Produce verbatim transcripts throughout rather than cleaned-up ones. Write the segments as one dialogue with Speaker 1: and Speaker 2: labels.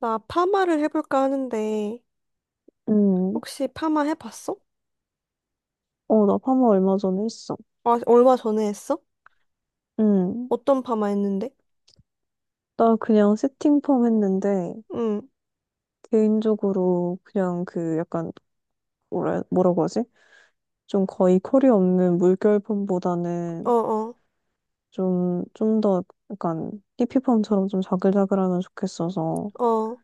Speaker 1: 나 파마를 해볼까 하는데,
Speaker 2: 응
Speaker 1: 혹시 파마 해봤어?
Speaker 2: 어, 나 파마 얼마 전에 했어.
Speaker 1: 아, 얼마 전에 했어?
Speaker 2: 응
Speaker 1: 어떤 파마 했는데?
Speaker 2: 나 그냥 세팅 펌 했는데,
Speaker 1: 응,
Speaker 2: 개인적으로 그냥 그 약간, 뭐라, 뭐라고 하지? 좀 거의 컬이 없는 물결 펌보다는
Speaker 1: 어어,
Speaker 2: 좀, 좀 더 약간 히피 펌처럼 좀 자글자글하면 좋겠어서,
Speaker 1: 어.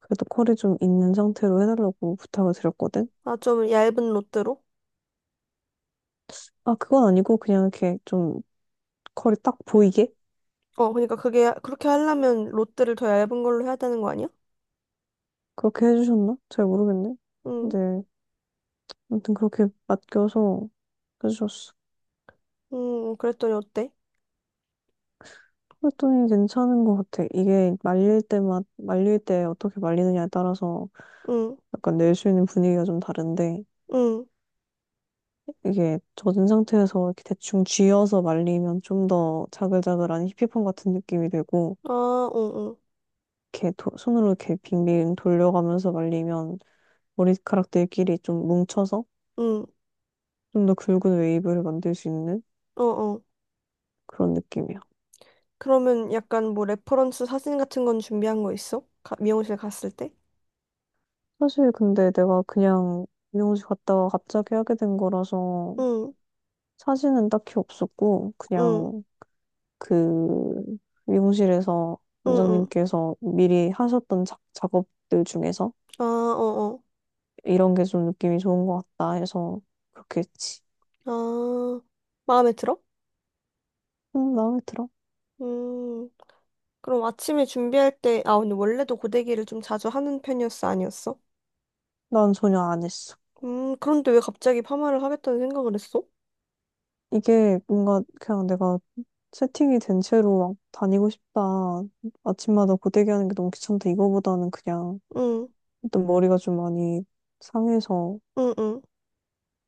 Speaker 2: 그래도 컬이 좀 있는 상태로 해달라고 부탁을 드렸거든?
Speaker 1: 나 좀 얇은 롯데로?
Speaker 2: 아, 그건 아니고 그냥 이렇게 좀 컬이 딱 보이게?
Speaker 1: 어, 그러니까 그게, 그렇게 하려면 롯데를 더 얇은 걸로 해야 되는 거 아니야?
Speaker 2: 그렇게 해주셨나? 잘 모르겠네.
Speaker 1: 응,
Speaker 2: 근데, 아무튼 그렇게 맡겨서 해주셨어.
Speaker 1: 응, 응. 그랬더니 어때?
Speaker 2: 그랬더니 괜찮은 것 같아. 이게 말릴 때마, 말릴 때 어떻게 말리느냐에 따라서
Speaker 1: 응,
Speaker 2: 약간 낼 수 있는 분위기가 좀 다른데,
Speaker 1: 응,
Speaker 2: 이게 젖은 상태에서 이렇게 대충 쥐어서 말리면 좀 더 자글자글한 히피펌 같은 느낌이 되고,
Speaker 1: 아, 응, 응,
Speaker 2: 이렇게 도- 손으로 이렇게 빙빙 돌려가면서 말리면 머리카락들끼리 좀 뭉쳐서
Speaker 1: 응,
Speaker 2: 좀 더 굵은 웨이브를 만들 수 있는
Speaker 1: 어어.
Speaker 2: 그런 느낌이야.
Speaker 1: 그러면 약간 뭐 레퍼런스 사진 같은 건 준비한 거 있어? 가, 미용실 갔을 때?
Speaker 2: 사실 근데 내가 그냥 미용실 갔다가 갑자기 하게 된 거라서
Speaker 1: 응,
Speaker 2: 사진은 딱히 없었고,
Speaker 1: 응,
Speaker 2: 그냥 그 미용실에서
Speaker 1: 응, 응.
Speaker 2: 원장님께서 미리 하셨던 작, 작업들 중에서
Speaker 1: 아, 어어.
Speaker 2: 이런 게 좀 느낌이 좋은 것 같다 해서 그렇게 했지.
Speaker 1: 아, 마음에 들어?
Speaker 2: 음, 마음에 들어?
Speaker 1: 음, 그럼 아침에 준비할 때, 아, 근데 원래도 고데기를 좀 자주 하는 편이었어, 아니었어?
Speaker 2: 난 전혀 안 했어.
Speaker 1: 음, 그런데 왜 갑자기 파마를 하겠다는 생각을 했어?
Speaker 2: 이게 뭔가 그냥 내가 세팅이 된 채로 막 다니고 싶다. 아침마다 고데기 하는 게 너무 귀찮다. 이거보다는 그냥
Speaker 1: 응,
Speaker 2: 일단 머리가 좀 많이 상해서
Speaker 1: 응, 응,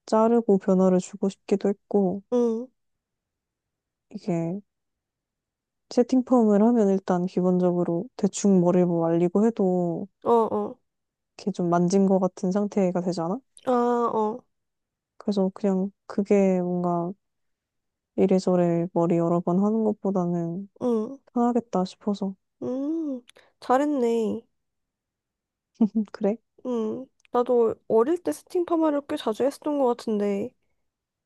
Speaker 2: 자르고 변화를 주고 싶기도 했고
Speaker 1: 응,
Speaker 2: 이게 채팅 펌을 하면 일단 기본적으로 대충 머리를 뭐 말리고 해도
Speaker 1: 어, 어,
Speaker 2: 이렇게 좀 만진 것 같은 상태가 되잖아?
Speaker 1: 아, 어,
Speaker 2: 그래서 그냥 그게 뭔가 이래저래 머리 여러 번 하는 것보다는
Speaker 1: 응,
Speaker 2: 편하겠다 싶어서.
Speaker 1: 음, 잘했네.
Speaker 2: 그래?
Speaker 1: 음, 나도 어릴 때 스팅 파마를 꽤 자주 했었던 것 같은데,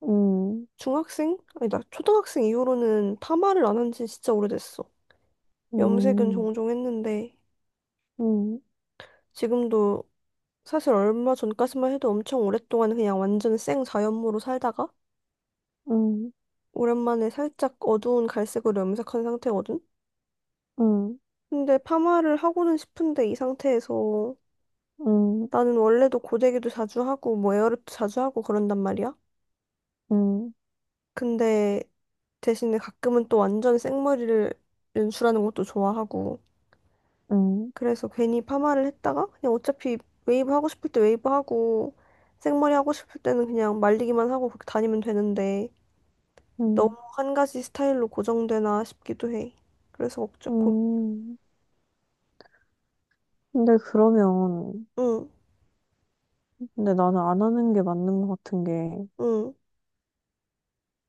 Speaker 2: 음,
Speaker 1: 중학생? 아니, 나 초등학생 이후로는 파마를 안 한 지 진짜 오래됐어. 염색은
Speaker 2: 음,
Speaker 1: 종종 했는데,
Speaker 2: 음,
Speaker 1: 지금도 사실 얼마 전까지만 해도 엄청 오랫동안 그냥 완전 생 자연모로 살다가
Speaker 2: 음,
Speaker 1: 오랜만에 살짝 어두운 갈색으로 염색한 상태거든?
Speaker 2: 음,
Speaker 1: 근데 파마를 하고는 싶은데 이 상태에서
Speaker 2: 음,
Speaker 1: 나는 원래도 고데기도 자주 하고 뭐 에어랩도 자주 하고 그런단 말이야.
Speaker 2: 음,
Speaker 1: 근데 대신에 가끔은 또 완전 생머리를 연출하는 것도 좋아하고
Speaker 2: 음,
Speaker 1: 그래서 괜히 파마를 했다가 그냥 어차피 웨이브 하고 싶을 때 웨이브 하고 생머리 하고 싶을 때는 그냥 말리기만 하고 그렇게 다니면 되는데 너무
Speaker 2: 음,
Speaker 1: 한 가지 스타일로 고정되나 싶기도 해. 그래서 걱정. 고...
Speaker 2: 음. 근데 그러면,
Speaker 1: 응,
Speaker 2: 근데 나는 안 하는 게 맞는 것 같은 게,
Speaker 1: 응,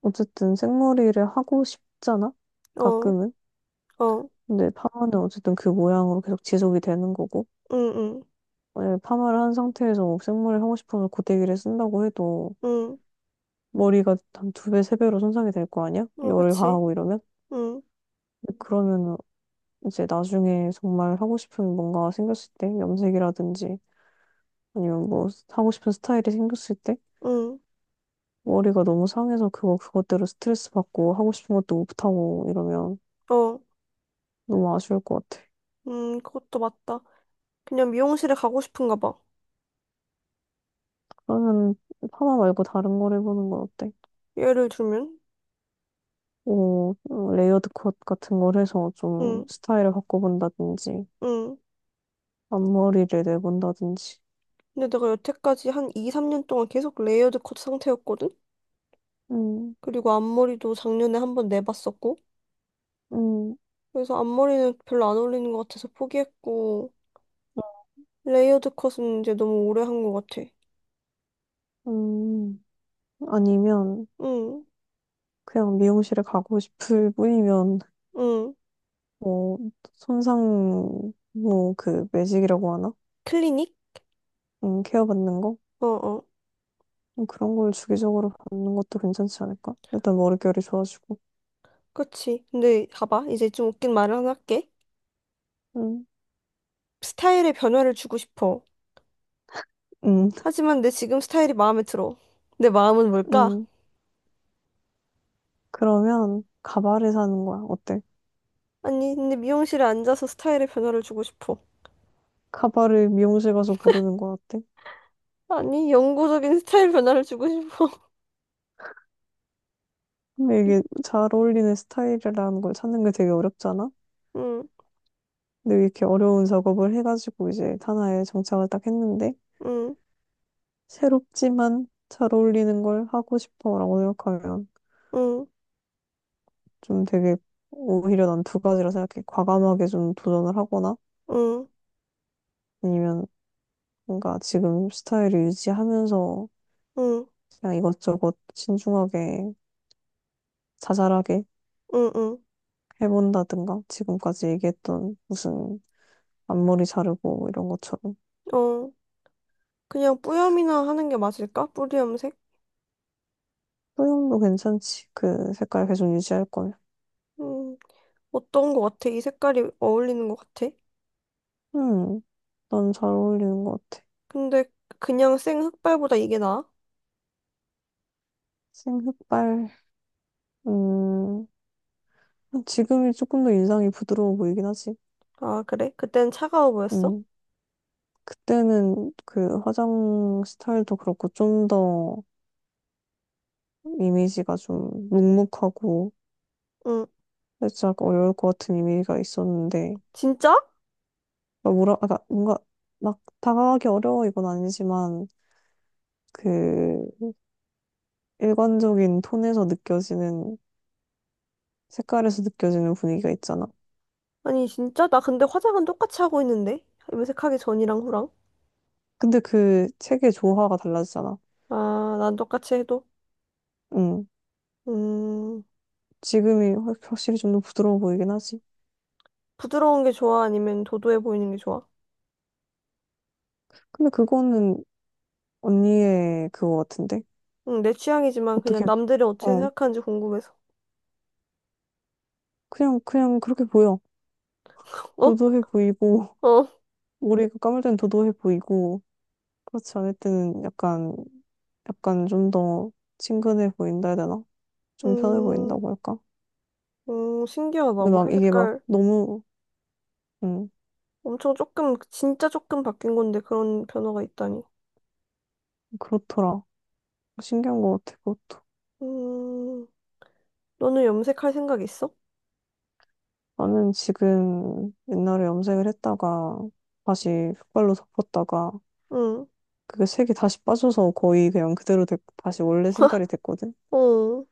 Speaker 2: 어쨌든 생머리를 하고 싶잖아?
Speaker 1: 어,
Speaker 2: 가끔은?
Speaker 1: 어,
Speaker 2: 근데 파마는 어쨌든 그 모양으로 계속 지속이 되는 거고,
Speaker 1: 응, 응,
Speaker 2: 만약에 파마를 한 상태에서 뭐 생머리를 하고 싶으면 고데기를 쓴다고 해도
Speaker 1: 응,
Speaker 2: 머리가 한 두 배, 세 배로 손상이 될 거 아니야?
Speaker 1: 어,
Speaker 2: 열을
Speaker 1: 그치.
Speaker 2: 가하고 이러면?
Speaker 1: 응,
Speaker 2: 그러면 이제 나중에 정말 하고 싶은 뭔가 생겼을 때, 염색이라든지 아니면 뭐 하고 싶은 스타일이 생겼을 때,
Speaker 1: 응,
Speaker 2: 머리가 너무 상해서 그거 그것대로 스트레스 받고 하고 싶은 것도 못하고 이러면
Speaker 1: 어,
Speaker 2: 너무 아쉬울 것 같아.
Speaker 1: 음, 그것도 맞다. 그냥 미용실에 가고 싶은가 봐.
Speaker 2: 그러면 파마 말고 다른 걸 해보는 건 어때?
Speaker 1: 예를 들면,
Speaker 2: 뭐, 레이어드 컷 같은 걸 해서 좀
Speaker 1: 응,
Speaker 2: 스타일을 바꿔본다든지,
Speaker 1: 응.
Speaker 2: 앞머리를 내본다든지,
Speaker 1: 근데 내가 여태까지 한 이, 삼 년 동안 계속 레이어드 컷 상태였거든?
Speaker 2: 음,
Speaker 1: 그리고 앞머리도 작년에 한 번 내봤었고.
Speaker 2: 음,
Speaker 1: 그래서 앞머리는 별로 안 어울리는 것 같아서 포기했고,
Speaker 2: 음,
Speaker 1: 레이어드 컷은 이제 너무 오래 한 것 같아.
Speaker 2: 음. 아니면
Speaker 1: 응,
Speaker 2: 그냥 미용실에 가고 싶을 뿐이면,
Speaker 1: 응.
Speaker 2: 뭐, 손상, 뭐, 그, 매직이라고 하나?
Speaker 1: 클리닉?
Speaker 2: 음, 케어 받는 거?
Speaker 1: 어어.
Speaker 2: 음, 그런 걸 주기적으로 받는 것도 괜찮지 않을까? 일단 머릿결이 좋아지고,
Speaker 1: 그치. 근데 봐봐. 이제 좀 웃긴 말을 하나 할게.
Speaker 2: 음,
Speaker 1: 스타일에 변화를 주고 싶어.
Speaker 2: 음,
Speaker 1: 하지만 내 지금 스타일이 마음에 들어. 내 마음은 뭘까?
Speaker 2: 음. 그러면 가발을 사는 거야. 어때?
Speaker 1: 아니, 근데 미용실에 앉아서 스타일에 변화를 주고 싶어.
Speaker 2: 가발을 미용실 가서 고르는 거야. 어때?
Speaker 1: 아니, 영구적인 스타일 변화를 주고 싶어.
Speaker 2: 근데 이게 잘 어울리는 스타일이라는 걸 찾는 게 되게 어렵잖아?
Speaker 1: 응,
Speaker 2: 근데 이렇게 어려운 작업을 해가지고 이제 하나에 정착을 딱 했는데,
Speaker 1: 응,
Speaker 2: 새롭지만 잘 어울리는 걸 하고 싶어라고 생각하면
Speaker 1: 응,
Speaker 2: 좀 되게 오히려 난 두 가지라 생각해. 과감하게 좀 도전을 하거나
Speaker 1: 응,
Speaker 2: 아니면 뭔가 지금 스타일을 유지하면서
Speaker 1: 응,
Speaker 2: 그냥 이것저것 신중하게 자잘하게
Speaker 1: 응, 응.
Speaker 2: 해본다든가 지금까지 얘기했던 무슨 앞머리 자르고 이런 것처럼
Speaker 1: 어, 그냥 뿌염이나 하는 게 맞을까? 뿌리염색?
Speaker 2: 소형도 괜찮지. 그 색깔 계속 유지할 거면.
Speaker 1: 음, 어떤 거 같아? 이 색깔이 어울리는 거 같아?
Speaker 2: 음, 넌 잘 어울리는 것 같아.
Speaker 1: 근데 그냥 생 흑발보다 이게 나아?
Speaker 2: 생흑발, 음, 지금이 조금 더 인상이 부드러워 보이긴 하지.
Speaker 1: 아, 그래? 그땐 차가워 보였어?
Speaker 2: 음, 그때는 그 화장 스타일도 그렇고 좀 더 이미지가 좀 묵묵하고
Speaker 1: 응.
Speaker 2: 살짝 어려울 것 같은 이미지가 있었는데,
Speaker 1: 진짜?
Speaker 2: 막 뭐라, 아까 뭔가 막 다가가기 어려워 이건 아니지만, 그 일관적인 톤에서 느껴지는 색깔에서 느껴지는 분위기가 있잖아.
Speaker 1: 아니, 진짜? 나 근데 화장은 똑같이 하고 있는데? 염색하기 전이랑 후랑?
Speaker 2: 근데 그 책의 조화가 달라지잖아.
Speaker 1: 아, 난 똑같이 해도?
Speaker 2: 응.
Speaker 1: 음,
Speaker 2: 지금이 확- 확실히 좀 더 부드러워 보이긴 하지.
Speaker 1: 부드러운 게 좋아? 아니면 도도해 보이는 게 좋아?
Speaker 2: 근데 그거는 언니의 그거 같은데?
Speaker 1: 응, 내 취향이지만 그냥
Speaker 2: 어떻게,
Speaker 1: 남들이 어떻게
Speaker 2: 어.
Speaker 1: 생각하는지 궁금해서.
Speaker 2: 그냥, 그냥 그렇게 보여.
Speaker 1: 어?
Speaker 2: 도도해 보이고,
Speaker 1: 어.
Speaker 2: 머리가 감을 땐 도도해 보이고, 그렇지 않을 때는 약간, 약간 좀 더 친근해 보인다 해야 되나? 좀 편해
Speaker 1: 음,
Speaker 2: 보인다고 할까?
Speaker 1: 음, 신기하다.
Speaker 2: 근데
Speaker 1: 머리
Speaker 2: 막 이게 막
Speaker 1: 색깔
Speaker 2: 너무, 음
Speaker 1: 엄청 조금, 진짜 조금 바뀐 건데 그런 변화가 있다니.
Speaker 2: 그렇더라. 신기한 것 같아, 그것도.
Speaker 1: 음, 너는 염색할 생각 있어?
Speaker 2: 나는 지금 옛날에 염색을 했다가 다시 흑발로 덮었다가
Speaker 1: 응.
Speaker 2: 그게 색이 다시 빠져서 거의 그냥 그대로 됐, 다시 원래 색깔이 됐거든.
Speaker 1: 어.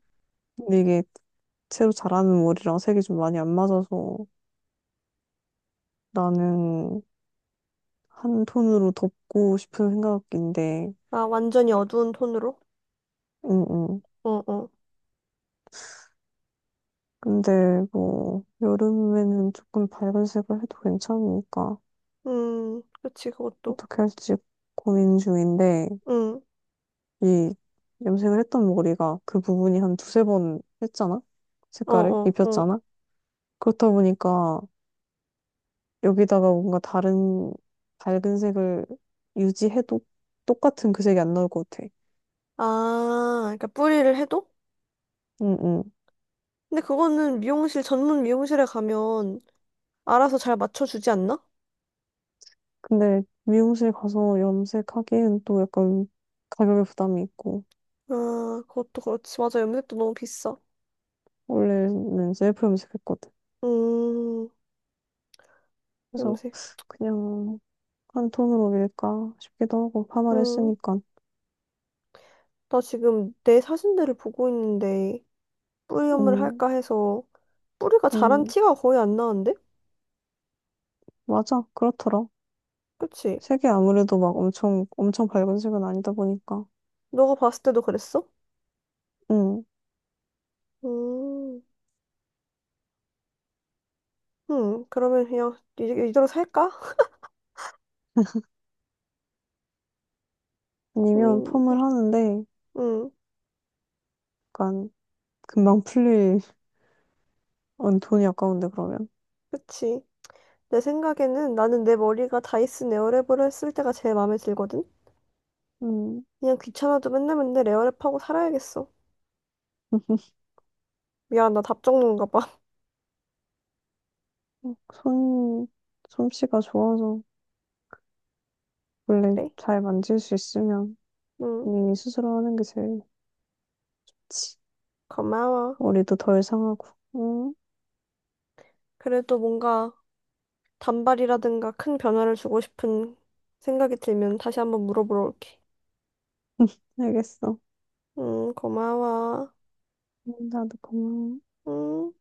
Speaker 2: 근데 이게 새로 자라는 머리랑 색이 좀 많이 안 맞아서 나는 한 톤으로 덮고 싶은 생각인데,
Speaker 1: 아, 완전히 어두운 톤으로?
Speaker 2: 응응.
Speaker 1: 어, 어.
Speaker 2: 근데 뭐 여름에는 조금 밝은 색을 해도 괜찮으니까
Speaker 1: 음, 그치, 그것도.
Speaker 2: 어떻게 할지 고민 중인데
Speaker 1: 응,
Speaker 2: 이 염색을 했던 머리가 그 부분이 한 두세 번 했잖아?
Speaker 1: 어,
Speaker 2: 색깔을
Speaker 1: 어, 어.
Speaker 2: 입혔잖아? 그렇다 보니까 여기다가 뭔가 다른 밝은 색을 유지해도 똑같은 그 색이 안 나올 것 같아.
Speaker 1: 아, 그러니까 뿌리를 해도?
Speaker 2: 응, 응.
Speaker 1: 근데 그거는 미용실, 전문 미용실에 가면 알아서 잘 맞춰주지 않나?
Speaker 2: 근데 미용실 가서 염색하기엔 또 약간 가격에 부담이 있고,
Speaker 1: 아, 그것도 그렇지. 맞아, 염색도 너무 비싸.
Speaker 2: 원래는 셀프 염색했거든.
Speaker 1: 음,
Speaker 2: 그래서
Speaker 1: 염색.
Speaker 2: 그냥 한 톤으로 밀까 싶기도 하고, 파마를
Speaker 1: 음.
Speaker 2: 했으니까.
Speaker 1: 나 지금 내 사진들을 보고 있는데 뿌리 염을
Speaker 2: 음,
Speaker 1: 할까 해서 뿌리가 자란
Speaker 2: 음,
Speaker 1: 티가 거의 안 나는데?
Speaker 2: 맞아. 그렇더라.
Speaker 1: 그치?
Speaker 2: 색이 아무래도 막 엄청, 엄청 밝은 색은 아니다 보니까.
Speaker 1: 너가 봤을 때도 그랬어?
Speaker 2: 응.
Speaker 1: 음, 음, 그러면 그냥 이- 이대로 살까?
Speaker 2: 아니면
Speaker 1: 고민이네.
Speaker 2: 펌을 하는데,
Speaker 1: 음.
Speaker 2: 약간, 금방 풀릴, 어, 돈이 아까운데, 그러면.
Speaker 1: 그치. 내 생각에는 나는 내 머리가 다이슨 에어랩으로 했을 때가 제일 마음에 들거든?
Speaker 2: 응.
Speaker 1: 그냥 귀찮아도 맨날 맨날 에어랩하고 살아야겠어. 미안, 나 답정론가 봐.
Speaker 2: 손, 솜씨가 좋아서, 원래
Speaker 1: 그래?
Speaker 2: 잘 만질 수 있으면,
Speaker 1: 응,
Speaker 2: 본인이 스스로 하는 게 제일, 좋지.
Speaker 1: 고마워.
Speaker 2: 머리도 덜 상하고. 응,
Speaker 1: 그래도 뭔가 단발이라든가 큰 변화를 주고 싶은 생각이 들면 다시 한번 물어보러 올게.
Speaker 2: 알겠어.
Speaker 1: 응, 고마워.
Speaker 2: 응, 나도 고마워.
Speaker 1: 응.